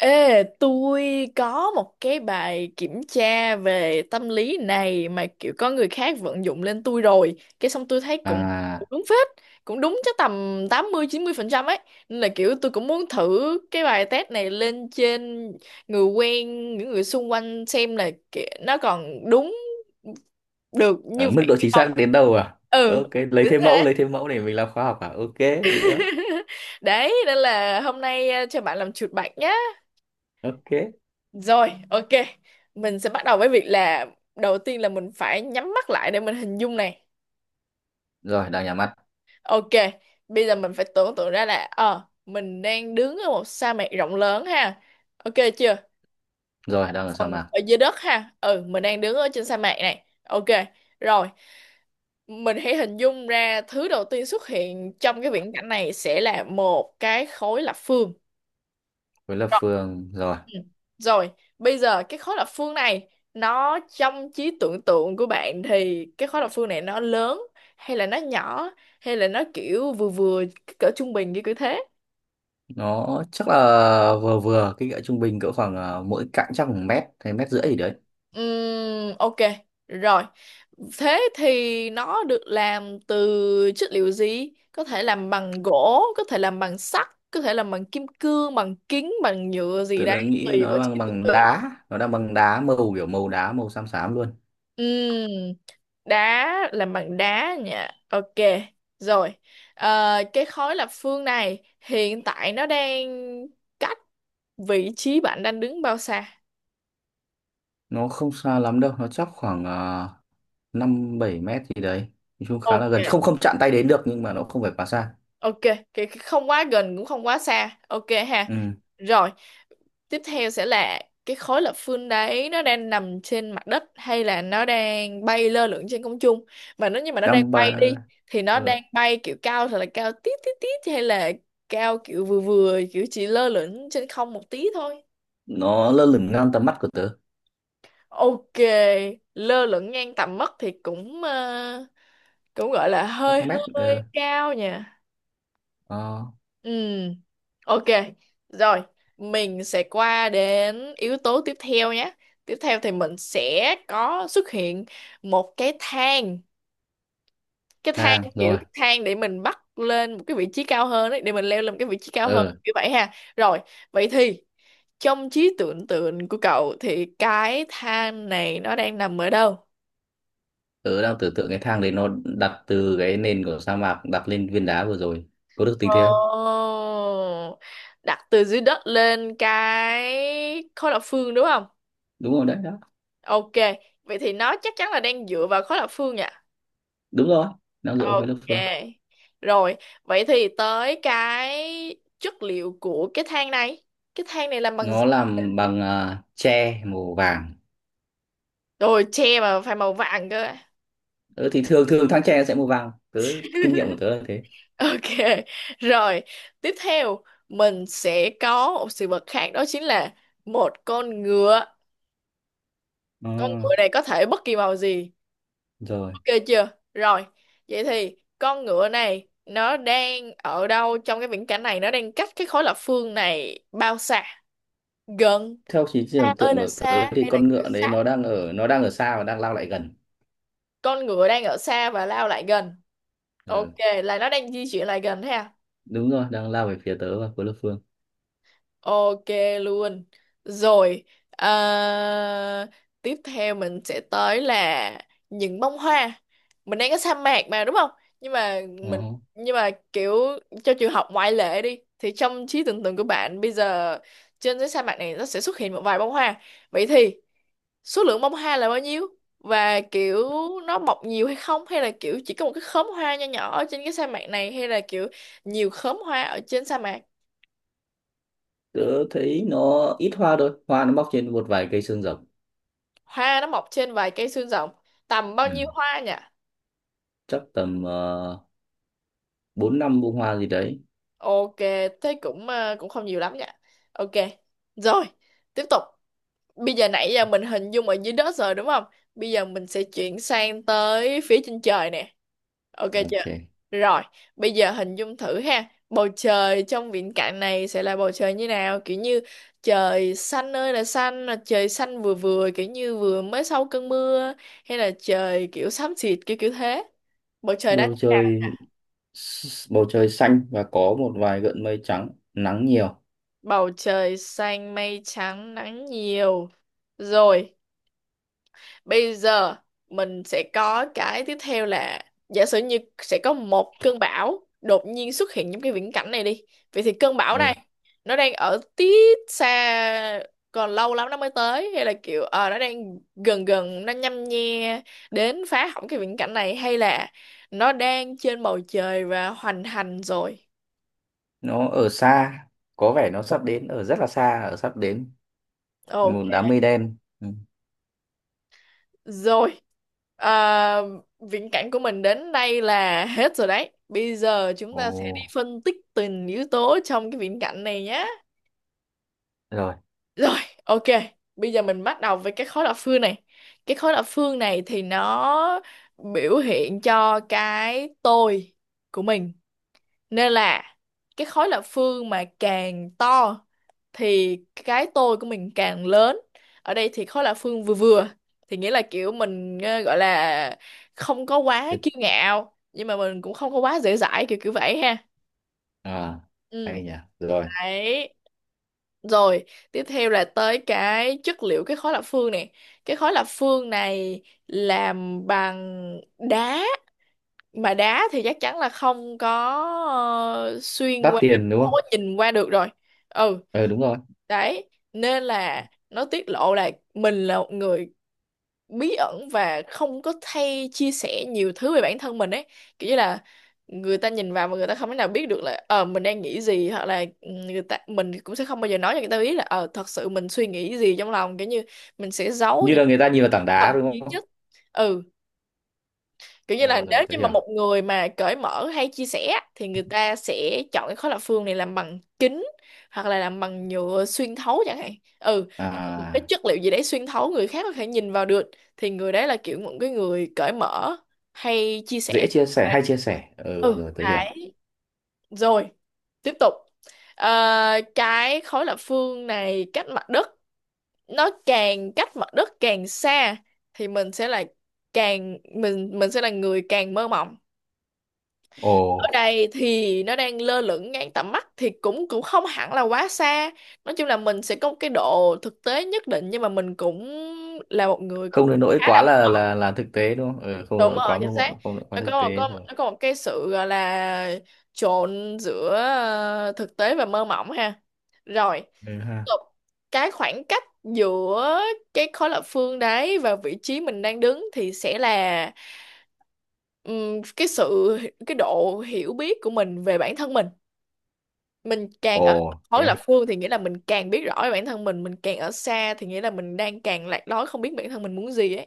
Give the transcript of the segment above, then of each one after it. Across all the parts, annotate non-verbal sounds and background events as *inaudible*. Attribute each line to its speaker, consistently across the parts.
Speaker 1: Ê, tôi có một cái bài kiểm tra về tâm lý này mà kiểu có người khác vận dụng lên tôi rồi. Cái xong tôi thấy cũng cũng
Speaker 2: À,
Speaker 1: đúng phết, cũng đúng chắc tầm tám mươi mươi 90% ấy. Nên là kiểu tôi cũng muốn thử cái bài test này lên trên người quen, những người xung quanh xem là nó còn đúng được như
Speaker 2: Ở mức
Speaker 1: vậy
Speaker 2: độ
Speaker 1: hay
Speaker 2: chính xác
Speaker 1: không.
Speaker 2: đến đâu à?
Speaker 1: Ừ,
Speaker 2: Ok,
Speaker 1: kiểu thế.
Speaker 2: lấy thêm mẫu để mình làm khoa học à? Ok, được,
Speaker 1: *laughs* Đấy, nên là hôm nay cho bạn làm chuột bạch nhá.
Speaker 2: ok.
Speaker 1: Rồi, ok. Mình sẽ bắt đầu với việc là đầu tiên là mình phải nhắm mắt lại để mình hình dung này.
Speaker 2: Rồi, đang nhắm mắt.
Speaker 1: Ok, bây giờ mình phải tưởng tượng ra là mình đang đứng ở một sa mạc rộng lớn ha. Ok chưa?
Speaker 2: Rồi, đang ở sa
Speaker 1: Phần
Speaker 2: mạc.
Speaker 1: ở dưới đất ha. Ừ, mình đang đứng ở trên sa mạc này. Ok. Rồi, mình hãy hình dung ra thứ đầu tiên xuất hiện trong cái viễn cảnh này sẽ là một cái khối lập phương.
Speaker 2: Với là
Speaker 1: Rồi,
Speaker 2: Phương, rồi.
Speaker 1: ừ. Rồi, bây giờ cái khối lập phương này nó trong trí tưởng tượng của bạn thì cái khối lập phương này nó lớn hay là nó nhỏ hay là nó kiểu vừa vừa cỡ trung bình như kiểu thế?
Speaker 2: Nó chắc là vừa vừa, kích cỡ trung bình cỡ khoảng mỗi cạnh chắc khoảng mét, hay mét rưỡi gì đấy.
Speaker 1: Ok. Rồi. Thế thì nó được làm từ chất liệu gì? Có thể làm bằng gỗ, có thể làm bằng sắt, có thể làm bằng kim cương, bằng kính, bằng nhựa gì
Speaker 2: Tớ
Speaker 1: đấy,
Speaker 2: đã nghĩ
Speaker 1: tùy vào
Speaker 2: nó bằng
Speaker 1: trí tưởng
Speaker 2: bằng
Speaker 1: tượng.
Speaker 2: đá, nó đang bằng đá màu kiểu màu đá, màu xám xám luôn.
Speaker 1: Ừm, đá, làm bằng đá nha. Ok, rồi. Cái khối lập phương này hiện tại nó đang cách vị trí bạn đang đứng bao xa?
Speaker 2: Nó không xa lắm đâu, nó chắc khoảng 5 7 mét gì đấy. Nói chung khá là
Speaker 1: Ok.
Speaker 2: gần, không không chạm tay đến được nhưng mà nó không phải quá xa.
Speaker 1: Ok, cái không quá gần cũng không quá xa. Ok ha.
Speaker 2: Ừ,
Speaker 1: Rồi, tiếp theo sẽ là cái khối lập phương đấy nó đang nằm trên mặt đất hay là nó đang bay lơ lửng trên không trung? Mà nếu như mà nó đang
Speaker 2: đang ba...
Speaker 1: bay đi thì nó
Speaker 2: ờ,
Speaker 1: đang bay kiểu cao thật là cao tít tít tít hay là cao kiểu vừa vừa kiểu chỉ lơ lửng trên không một tí thôi.
Speaker 2: nó lơ lửng ngang tầm mắt của tớ
Speaker 1: Ok, lơ lửng ngang tầm mắt thì cũng cũng gọi là
Speaker 2: các
Speaker 1: hơi
Speaker 2: mét ừ.
Speaker 1: hơi cao nhỉ.
Speaker 2: Ờ,
Speaker 1: Ừ, ok. Rồi, mình sẽ qua đến yếu tố tiếp theo nhé. Tiếp theo thì mình sẽ có xuất hiện một cái thang. Cái thang,
Speaker 2: thang
Speaker 1: kiểu
Speaker 2: rồi
Speaker 1: cái thang để mình bắt lên một cái vị trí cao hơn ấy, để mình leo lên một cái vị trí cao hơn
Speaker 2: ừ.
Speaker 1: như vậy ha. Rồi, vậy thì trong trí tưởng tượng của cậu thì cái thang này nó đang nằm ở đâu?
Speaker 2: Tớ đang tưởng tượng cái thang đấy nó đặt từ cái nền của sa mạc đặt lên viên đá vừa rồi có được
Speaker 1: Ồ,
Speaker 2: tính thế không?
Speaker 1: đặt từ dưới đất lên cái khối lập phương đúng không?
Speaker 2: Đúng rồi đấy, đó
Speaker 1: Ok, vậy thì nó chắc chắn là đang dựa vào khối lập phương nhỉ?
Speaker 2: đúng rồi, nó dựa với lớp
Speaker 1: Ok.
Speaker 2: phương.
Speaker 1: Rồi, vậy thì tới cái chất liệu của cái than này. Cái than này làm bằng
Speaker 2: Nó
Speaker 1: gì?
Speaker 2: làm bằng tre màu vàng.
Speaker 1: Rồi, tre mà phải màu vàng cơ. *laughs*
Speaker 2: Ừ, thì thường thường thang tre sẽ màu vàng, tớ kinh nghiệm của tớ là thế.
Speaker 1: Ok. Rồi, tiếp theo mình sẽ có một sự vật khác đó chính là một con ngựa.
Speaker 2: Ờ,
Speaker 1: Con ngựa này có thể bất kỳ màu gì.
Speaker 2: rồi.
Speaker 1: Ok chưa? Rồi, vậy thì con ngựa này nó đang ở đâu trong cái viễn cảnh này? Nó đang cách cái khối lập phương này bao xa? Gần.
Speaker 2: Theo trí
Speaker 1: Xa
Speaker 2: tưởng
Speaker 1: ơi
Speaker 2: tượng
Speaker 1: là
Speaker 2: của tớ
Speaker 1: xa
Speaker 2: thì
Speaker 1: hay là
Speaker 2: con
Speaker 1: kiểu
Speaker 2: ngựa đấy
Speaker 1: sát?
Speaker 2: nó đang ở xa và đang lao lại gần,
Speaker 1: Con ngựa đang ở xa và lao lại gần. Ok,
Speaker 2: ừ.
Speaker 1: là nó đang di chuyển lại gần thế à?
Speaker 2: Đúng rồi, đang lao về phía tớ và của lớp phương.
Speaker 1: Ok luôn. Rồi, à, tiếp theo mình sẽ tới là những bông hoa. Mình đang có sa mạc mà đúng không? Nhưng mà
Speaker 2: Ờ.
Speaker 1: mình nhưng mà kiểu cho trường học ngoại lệ đi thì trong trí tưởng tượng của bạn bây giờ trên cái sa mạc này nó sẽ xuất hiện một vài bông hoa. Vậy thì số lượng bông hoa là bao nhiêu? Và kiểu nó mọc nhiều hay không, hay là kiểu chỉ có một cái khóm hoa nho nhỏ ở trên cái sa mạc này, hay là kiểu nhiều khóm hoa ở trên sa mạc?
Speaker 2: Tớ thấy nó ít hoa thôi, hoa nó mọc trên một vài cây xương rồng,
Speaker 1: Hoa nó mọc trên vài cây xương rồng, tầm bao nhiêu
Speaker 2: ừ.
Speaker 1: hoa nhỉ?
Speaker 2: Chắc tầm bốn năm bông hoa gì đấy.
Speaker 1: Ok, thế cũng cũng không nhiều lắm nhỉ. Ok, rồi, tiếp tục. Bây giờ nãy giờ mình hình dung ở dưới đất rồi đúng không? Bây giờ mình sẽ chuyển sang tới phía trên trời nè. Ok chưa?
Speaker 2: Ok.
Speaker 1: Rồi, bây giờ hình dung thử ha. Bầu trời trong viễn cảnh này sẽ là bầu trời như nào? Kiểu như trời xanh ơi là xanh, là trời xanh vừa vừa kiểu như vừa mới sau cơn mưa, hay là trời kiểu xám xịt kiểu kiểu thế. Bầu trời đã
Speaker 2: Bầu
Speaker 1: như nào?
Speaker 2: trời, bầu trời xanh và có một vài gợn mây trắng, nắng nhiều,
Speaker 1: Bầu trời xanh, mây trắng, nắng nhiều. Rồi, bây giờ mình sẽ có cái tiếp theo là giả sử như sẽ có một cơn bão đột nhiên xuất hiện trong cái viễn cảnh này đi. Vậy thì cơn bão
Speaker 2: ừ.
Speaker 1: này nó đang ở tít xa, còn lâu lắm nó mới tới, hay là kiểu nó đang gần gần, nó nhăm nhe đến phá hỏng cái viễn cảnh này, hay là nó đang trên bầu trời và hoành hành rồi.
Speaker 2: Nó ở xa, có vẻ nó sắp đến, ở rất là xa, ở sắp đến
Speaker 1: Ồ.
Speaker 2: một đám mây đen, ừ.
Speaker 1: Rồi, à, viễn cảnh của mình đến đây là hết rồi đấy. Bây giờ chúng
Speaker 2: Ồ,
Speaker 1: ta sẽ đi phân tích từng yếu tố trong cái viễn cảnh này nhé.
Speaker 2: rồi.
Speaker 1: Rồi, ok. Bây giờ mình bắt đầu với cái khối lập phương này. Cái khối lập phương này thì nó biểu hiện cho cái tôi của mình. Nên là cái khối lập phương mà càng to thì cái tôi của mình càng lớn. Ở đây thì khó là Phương vừa vừa, thì nghĩa là kiểu mình gọi là không có quá
Speaker 2: Thế-
Speaker 1: kiêu ngạo nhưng mà mình cũng không có quá dễ dãi kiểu kiểu vậy ha.
Speaker 2: à
Speaker 1: Ừ,
Speaker 2: Hay nhỉ, rồi.
Speaker 1: đấy. Rồi, tiếp theo là tới cái chất liệu cái khối lập phương này. Cái khối lập phương này làm bằng đá, mà đá thì chắc chắn là không có ờ, xuyên
Speaker 2: Đắt
Speaker 1: qua,
Speaker 2: tiền đúng
Speaker 1: không
Speaker 2: không?
Speaker 1: có nhìn qua được rồi. Ừ.
Speaker 2: Ừ đúng rồi.
Speaker 1: Đấy, nên là nó tiết lộ là mình là một người bí ẩn và không có hay chia sẻ nhiều thứ về bản thân mình ấy. Kiểu như là người ta nhìn vào mà người ta không thể nào biết được là mình đang nghĩ gì, hoặc là người ta mình cũng sẽ không bao giờ nói cho người ta biết là thật sự mình suy nghĩ gì trong lòng, kiểu như mình sẽ giấu
Speaker 2: Như
Speaker 1: những
Speaker 2: là
Speaker 1: cái
Speaker 2: người ta nhìn vào tảng đá
Speaker 1: thầm
Speaker 2: đúng
Speaker 1: kín
Speaker 2: không?
Speaker 1: nhất. Ừ, kiểu như là
Speaker 2: Ờ rồi,
Speaker 1: nếu
Speaker 2: tớ
Speaker 1: như mà
Speaker 2: hiểu.
Speaker 1: một người mà cởi mở hay chia sẻ thì người ta sẽ chọn cái khối lập phương này làm bằng kính hoặc là làm bằng nhựa xuyên thấu chẳng hạn. Ừ, một cái
Speaker 2: À,
Speaker 1: chất liệu gì đấy xuyên thấu, người khác có thể nhìn vào được, thì người đấy là kiểu một cái người cởi mở hay chia
Speaker 2: dễ
Speaker 1: sẻ.
Speaker 2: chia sẻ,
Speaker 1: Đấy.
Speaker 2: hay chia sẻ, ừ
Speaker 1: Ừ,
Speaker 2: rồi tớ hiểu.
Speaker 1: đấy. Rồi, tiếp tục. Ờ, cái khối lập phương này cách mặt đất, nó càng cách mặt đất càng xa thì mình sẽ là càng, mình sẽ là người càng mơ mộng.
Speaker 2: Ồ,
Speaker 1: Ở đây thì nó đang lơ lửng ngang tầm mắt thì cũng cũng không hẳn là quá xa. Nói chung là mình sẽ có một cái độ thực tế nhất định, nhưng mà mình cũng là một người
Speaker 2: không
Speaker 1: cũng
Speaker 2: đến nỗi
Speaker 1: khá là.
Speaker 2: quá là thực tế đúng không? Ừ, không đến
Speaker 1: Đúng
Speaker 2: nỗi
Speaker 1: rồi,
Speaker 2: quá mơ
Speaker 1: chính xác.
Speaker 2: mộng, không đến nỗi quá
Speaker 1: Nó
Speaker 2: thực
Speaker 1: có một,
Speaker 2: tế,
Speaker 1: có
Speaker 2: rồi.
Speaker 1: nó có một cái sự gọi là trộn giữa thực tế và mơ mộng ha. Rồi,
Speaker 2: Ừ
Speaker 1: tiếp
Speaker 2: ha.
Speaker 1: tục. Cái khoảng cách giữa cái khối lập phương đấy và vị trí mình đang đứng thì sẽ là cái sự, cái độ hiểu biết của mình về bản thân mình. Mình càng ở
Speaker 2: Ồ, thế
Speaker 1: khối lập
Speaker 2: à?
Speaker 1: phương thì nghĩa là mình càng biết rõ về bản thân mình càng ở xa thì nghĩa là mình đang càng lạc lối, không biết bản thân mình muốn gì ấy.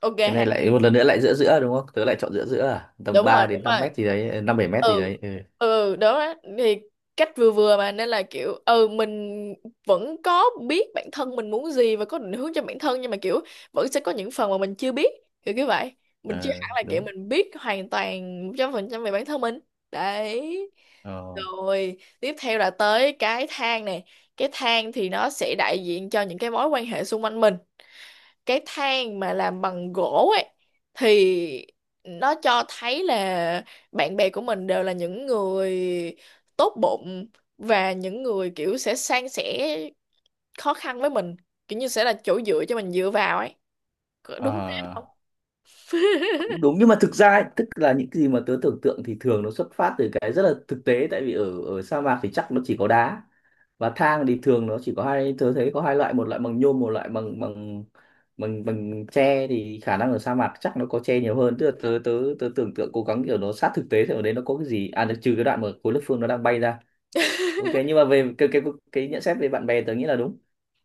Speaker 1: Ok,
Speaker 2: Cái này lại một lần nữa lại giữa giữa đúng không? Tớ lại chọn giữa giữa à? Tầm
Speaker 1: đúng rồi,
Speaker 2: 3 đến
Speaker 1: đúng
Speaker 2: năm
Speaker 1: rồi.
Speaker 2: mét gì đấy, năm bảy mét gì
Speaker 1: Ừ,
Speaker 2: đấy, ừ.
Speaker 1: ừ, đó á. Thì cách vừa vừa mà nên là kiểu ừ mình vẫn có biết bản thân mình muốn gì và có định hướng cho bản thân, nhưng mà kiểu vẫn sẽ có những phần mà mình chưa biết, kiểu như vậy. Mình chưa
Speaker 2: Ờ,
Speaker 1: hẳn là kiểu
Speaker 2: đúng.
Speaker 1: mình biết hoàn toàn 100% về bản thân mình đấy.
Speaker 2: Ờ.
Speaker 1: Rồi tiếp theo là tới cái thang này. Cái thang thì nó sẽ đại diện cho những cái mối quan hệ xung quanh mình. Cái than mà làm bằng gỗ ấy thì nó cho thấy là bạn bè của mình đều là những người tốt bụng, và những người kiểu sẽ san sẻ khó khăn với mình, kiểu như sẽ là chỗ dựa cho mình dựa vào ấy. Có đúng thế không?
Speaker 2: À, cũng đúng nhưng mà thực ra ấy, tức là những cái gì mà tớ tưởng tượng thì thường nó xuất phát từ cái rất là thực tế, tại vì ở ở sa mạc thì chắc nó chỉ có đá, và thang thì thường nó chỉ có hai, tớ thấy có hai loại, một loại bằng nhôm, một loại bằng bằng bằng bằng tre, thì khả năng ở sa mạc chắc nó có tre nhiều hơn. Tức là tớ tớ tớ tưởng tượng cố gắng kiểu nó sát thực tế, thì ở đấy nó có cái gì à được, trừ cái đoạn mà khối lớp phương nó đang bay ra. Ok, nhưng mà về cái nhận xét về bạn bè tớ nghĩ là đúng.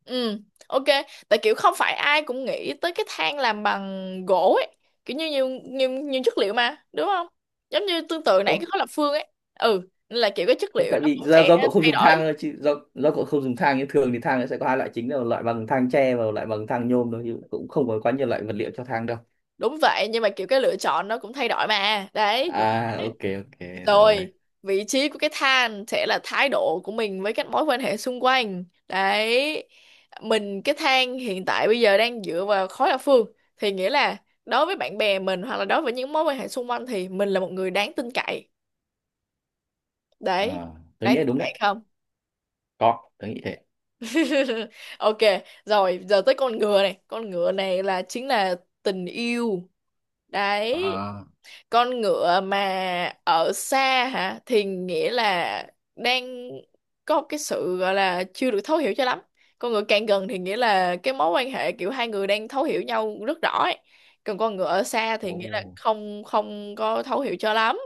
Speaker 1: Ừ, ok. Tại kiểu không phải ai cũng nghĩ tới cái than làm bằng gỗ ấy, kiểu như nhiều nhiều nhiều chất liệu mà đúng không, giống như tương tự nãy cái
Speaker 2: Có.
Speaker 1: khối lập phương ấy. Ừ, nên là kiểu cái chất
Speaker 2: Không,
Speaker 1: liệu
Speaker 2: tại
Speaker 1: nó
Speaker 2: vì
Speaker 1: cũng
Speaker 2: do
Speaker 1: sẽ
Speaker 2: cậu không
Speaker 1: thay
Speaker 2: dùng thang
Speaker 1: đổi.
Speaker 2: thôi, chứ do cậu không dùng thang, nhưng thường thì thang nó sẽ có hai loại chính, là một loại bằng thang tre và một loại bằng thang nhôm thôi, chứ cũng không có quá nhiều loại vật liệu cho thang đâu.
Speaker 1: Đúng vậy, nhưng mà kiểu cái lựa chọn nó cũng thay đổi mà đấy, kiểu
Speaker 2: À,
Speaker 1: thế.
Speaker 2: ok. Ok,
Speaker 1: *laughs*
Speaker 2: rồi.
Speaker 1: Rồi, vị trí của cái than sẽ là thái độ của mình với các mối quan hệ xung quanh đấy. Mình cái than hiện tại bây giờ đang dựa vào khối lập phương thì nghĩa là đối với bạn bè mình, hoặc là đối với những mối quan hệ xung quanh, thì mình là một người đáng tin cậy đấy.
Speaker 2: Ờ, tôi
Speaker 1: Đáng
Speaker 2: nghĩ là
Speaker 1: tin
Speaker 2: đúng đấy.
Speaker 1: cậy không?
Speaker 2: Có, tôi nghĩ thế.
Speaker 1: *laughs* Ok, rồi giờ tới con ngựa này. Con ngựa này là chính là tình yêu đấy.
Speaker 2: À.
Speaker 1: Con ngựa mà ở xa hả, thì nghĩa là đang có cái sự gọi là chưa được thấu hiểu cho lắm. Con ngựa càng gần thì nghĩa là cái mối quan hệ kiểu hai người đang thấu hiểu nhau rất rõ ấy. Còn con ngựa ở xa thì nghĩa là
Speaker 2: Ồ.
Speaker 1: không không có thấu hiểu cho lắm.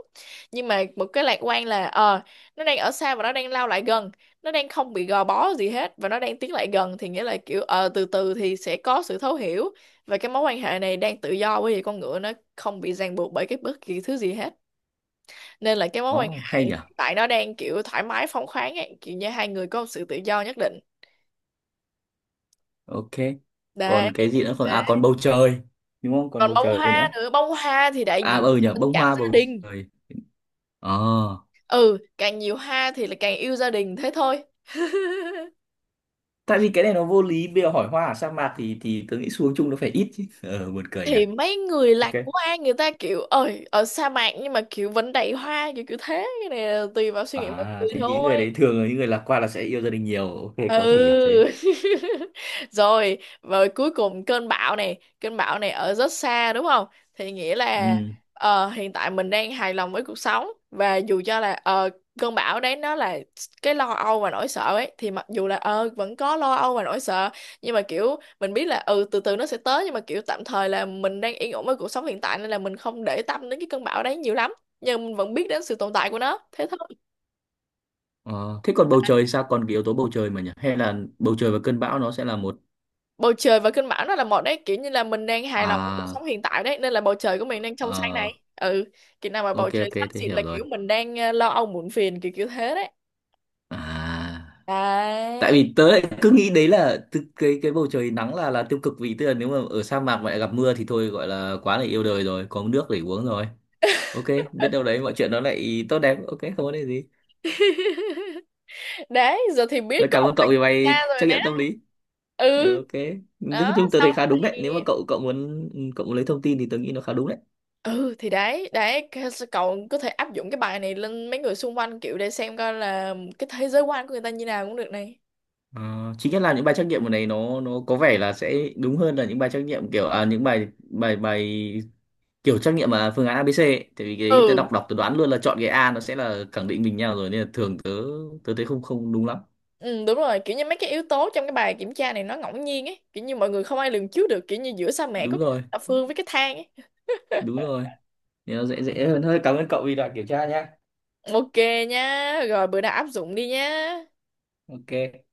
Speaker 1: Nhưng mà một cái lạc quan là nó đang ở xa và nó đang lao lại gần. Nó đang không bị gò bó gì hết và nó đang tiến lại gần, thì nghĩa là kiểu từ từ thì sẽ có sự thấu hiểu. Và cái mối quan hệ này đang tự do, bởi vì con ngựa nó không bị ràng buộc bởi cái bất kỳ thứ gì hết. Nên là cái mối quan
Speaker 2: Oh, hay
Speaker 1: hệ
Speaker 2: nhỉ.
Speaker 1: tại nó đang kiểu thoải mái phóng khoáng ấy, kiểu như hai người có một sự tự do nhất định.
Speaker 2: Ok,
Speaker 1: Đấy.
Speaker 2: còn cái gì nữa không? À, còn bầu trời đúng không, còn
Speaker 1: Còn
Speaker 2: bầu
Speaker 1: bông
Speaker 2: trời
Speaker 1: hoa
Speaker 2: nữa.
Speaker 1: nữa, bông hoa thì đại
Speaker 2: À
Speaker 1: diện
Speaker 2: ừ nhỉ,
Speaker 1: cho tình
Speaker 2: bông
Speaker 1: cảm
Speaker 2: hoa,
Speaker 1: gia
Speaker 2: bầu
Speaker 1: đình.
Speaker 2: trời, ờ.
Speaker 1: Ừ, càng nhiều hoa thì là càng yêu gia đình thế thôi. *laughs*
Speaker 2: Tại vì cái này nó vô lý, bây giờ hỏi hoa ở sa mạc thì tôi nghĩ xuống chung nó phải ít chứ, ờ, buồn cười nhỉ.
Speaker 1: Thì mấy người
Speaker 2: Ok.
Speaker 1: lạc quan người ta kiểu ơi ở sa mạc nhưng mà kiểu vẫn đầy hoa, kiểu kiểu thế, cái này là tùy vào suy nghĩ mọi
Speaker 2: À,
Speaker 1: người
Speaker 2: thế những
Speaker 1: thôi.
Speaker 2: người đấy thường là những người lạc quan là sẽ yêu gia đình nhiều. Ok, có thể hiểu thế.
Speaker 1: Ừ. *laughs* Rồi rồi, cuối cùng cơn bão này, cơn bão này ở rất xa đúng không, thì nghĩa là
Speaker 2: Ừ.
Speaker 1: hiện tại mình đang hài lòng với cuộc sống, và dù cho là cơn bão đấy nó là cái lo âu và nỗi sợ ấy, thì mặc dù là vẫn có lo âu và nỗi sợ, nhưng mà kiểu mình biết là ừ từ từ nó sẽ tới, nhưng mà kiểu tạm thời là mình đang yên ổn với cuộc sống hiện tại, nên là mình không để tâm đến cái cơn bão đấy nhiều lắm. Nhưng mình vẫn biết đến sự tồn tại của nó thế thôi.
Speaker 2: Ờ, thế còn bầu trời sao? Còn cái yếu tố bầu trời mà nhỉ? Hay là bầu trời và cơn bão nó sẽ là một...
Speaker 1: Bầu trời và cơn bão nó là một đấy, kiểu như là mình đang hài lòng với cuộc
Speaker 2: À,
Speaker 1: sống hiện tại đấy, nên là bầu trời của mình đang trong xanh
Speaker 2: ờ,
Speaker 1: này. Ừ, kiểu nào mà bầu
Speaker 2: ok,
Speaker 1: trời
Speaker 2: ok,
Speaker 1: xám
Speaker 2: thế
Speaker 1: xịt là
Speaker 2: hiểu rồi.
Speaker 1: kiểu mình đang lo âu muộn phiền, kiểu kiểu thế đấy.
Speaker 2: À, tại
Speaker 1: Đấy.
Speaker 2: vì tớ lại cứ nghĩ đấy là từ cái bầu trời nắng là tiêu cực, vì tức là nếu mà ở sa mạc mà lại gặp mưa thì thôi gọi là quá là yêu đời rồi, có nước để uống rồi. Ok, biết đâu đấy mọi chuyện nó lại tốt đẹp. Ok, không vấn đề gì.
Speaker 1: *laughs* Đấy, giờ thì biết
Speaker 2: Rồi,
Speaker 1: có
Speaker 2: cảm
Speaker 1: một
Speaker 2: ơn
Speaker 1: bạn
Speaker 2: cậu vì bài
Speaker 1: xa rồi
Speaker 2: trắc
Speaker 1: nè.
Speaker 2: nghiệm tâm lý. Ờ,
Speaker 1: Ừ,
Speaker 2: ok, nói
Speaker 1: đó
Speaker 2: chung tớ
Speaker 1: sau
Speaker 2: thấy khá đúng đấy,
Speaker 1: này.
Speaker 2: nếu mà cậu cậu muốn, cậu muốn lấy thông tin thì tớ nghĩ nó khá đúng đấy.
Speaker 1: Ừ thì đấy đấy, cậu có thể áp dụng cái bài này lên mấy người xung quanh kiểu để xem coi là cái thế giới quan của người ta như nào cũng được này.
Speaker 2: Ờ, chính nhất là những bài trắc nghiệm ở này, nó có vẻ là sẽ đúng hơn là những bài trắc nghiệm kiểu những bài bài bài kiểu trắc nghiệm mà phương án a ABC ấy. Tại vì cái đấy tớ
Speaker 1: Ừ.
Speaker 2: đọc đọc tớ đoán luôn là chọn cái A nó sẽ là khẳng định mình nhau rồi, nên là thường tớ tớ thấy không không đúng lắm.
Speaker 1: Ừ, đúng rồi, kiểu như mấy cái yếu tố trong cái bài kiểm tra này nó ngẫu nhiên ấy, kiểu như mọi người không ai lường trước được, kiểu như giữa sa mạc có
Speaker 2: Đúng
Speaker 1: cái
Speaker 2: rồi,
Speaker 1: thập phương với cái thang ấy.
Speaker 2: đúng rồi, nên nó dễ dễ hơn hơi. Cảm ơn cậu vì đoạn kiểm tra nhá.
Speaker 1: Ok nha, rồi bữa nào áp dụng đi nha.
Speaker 2: Ok.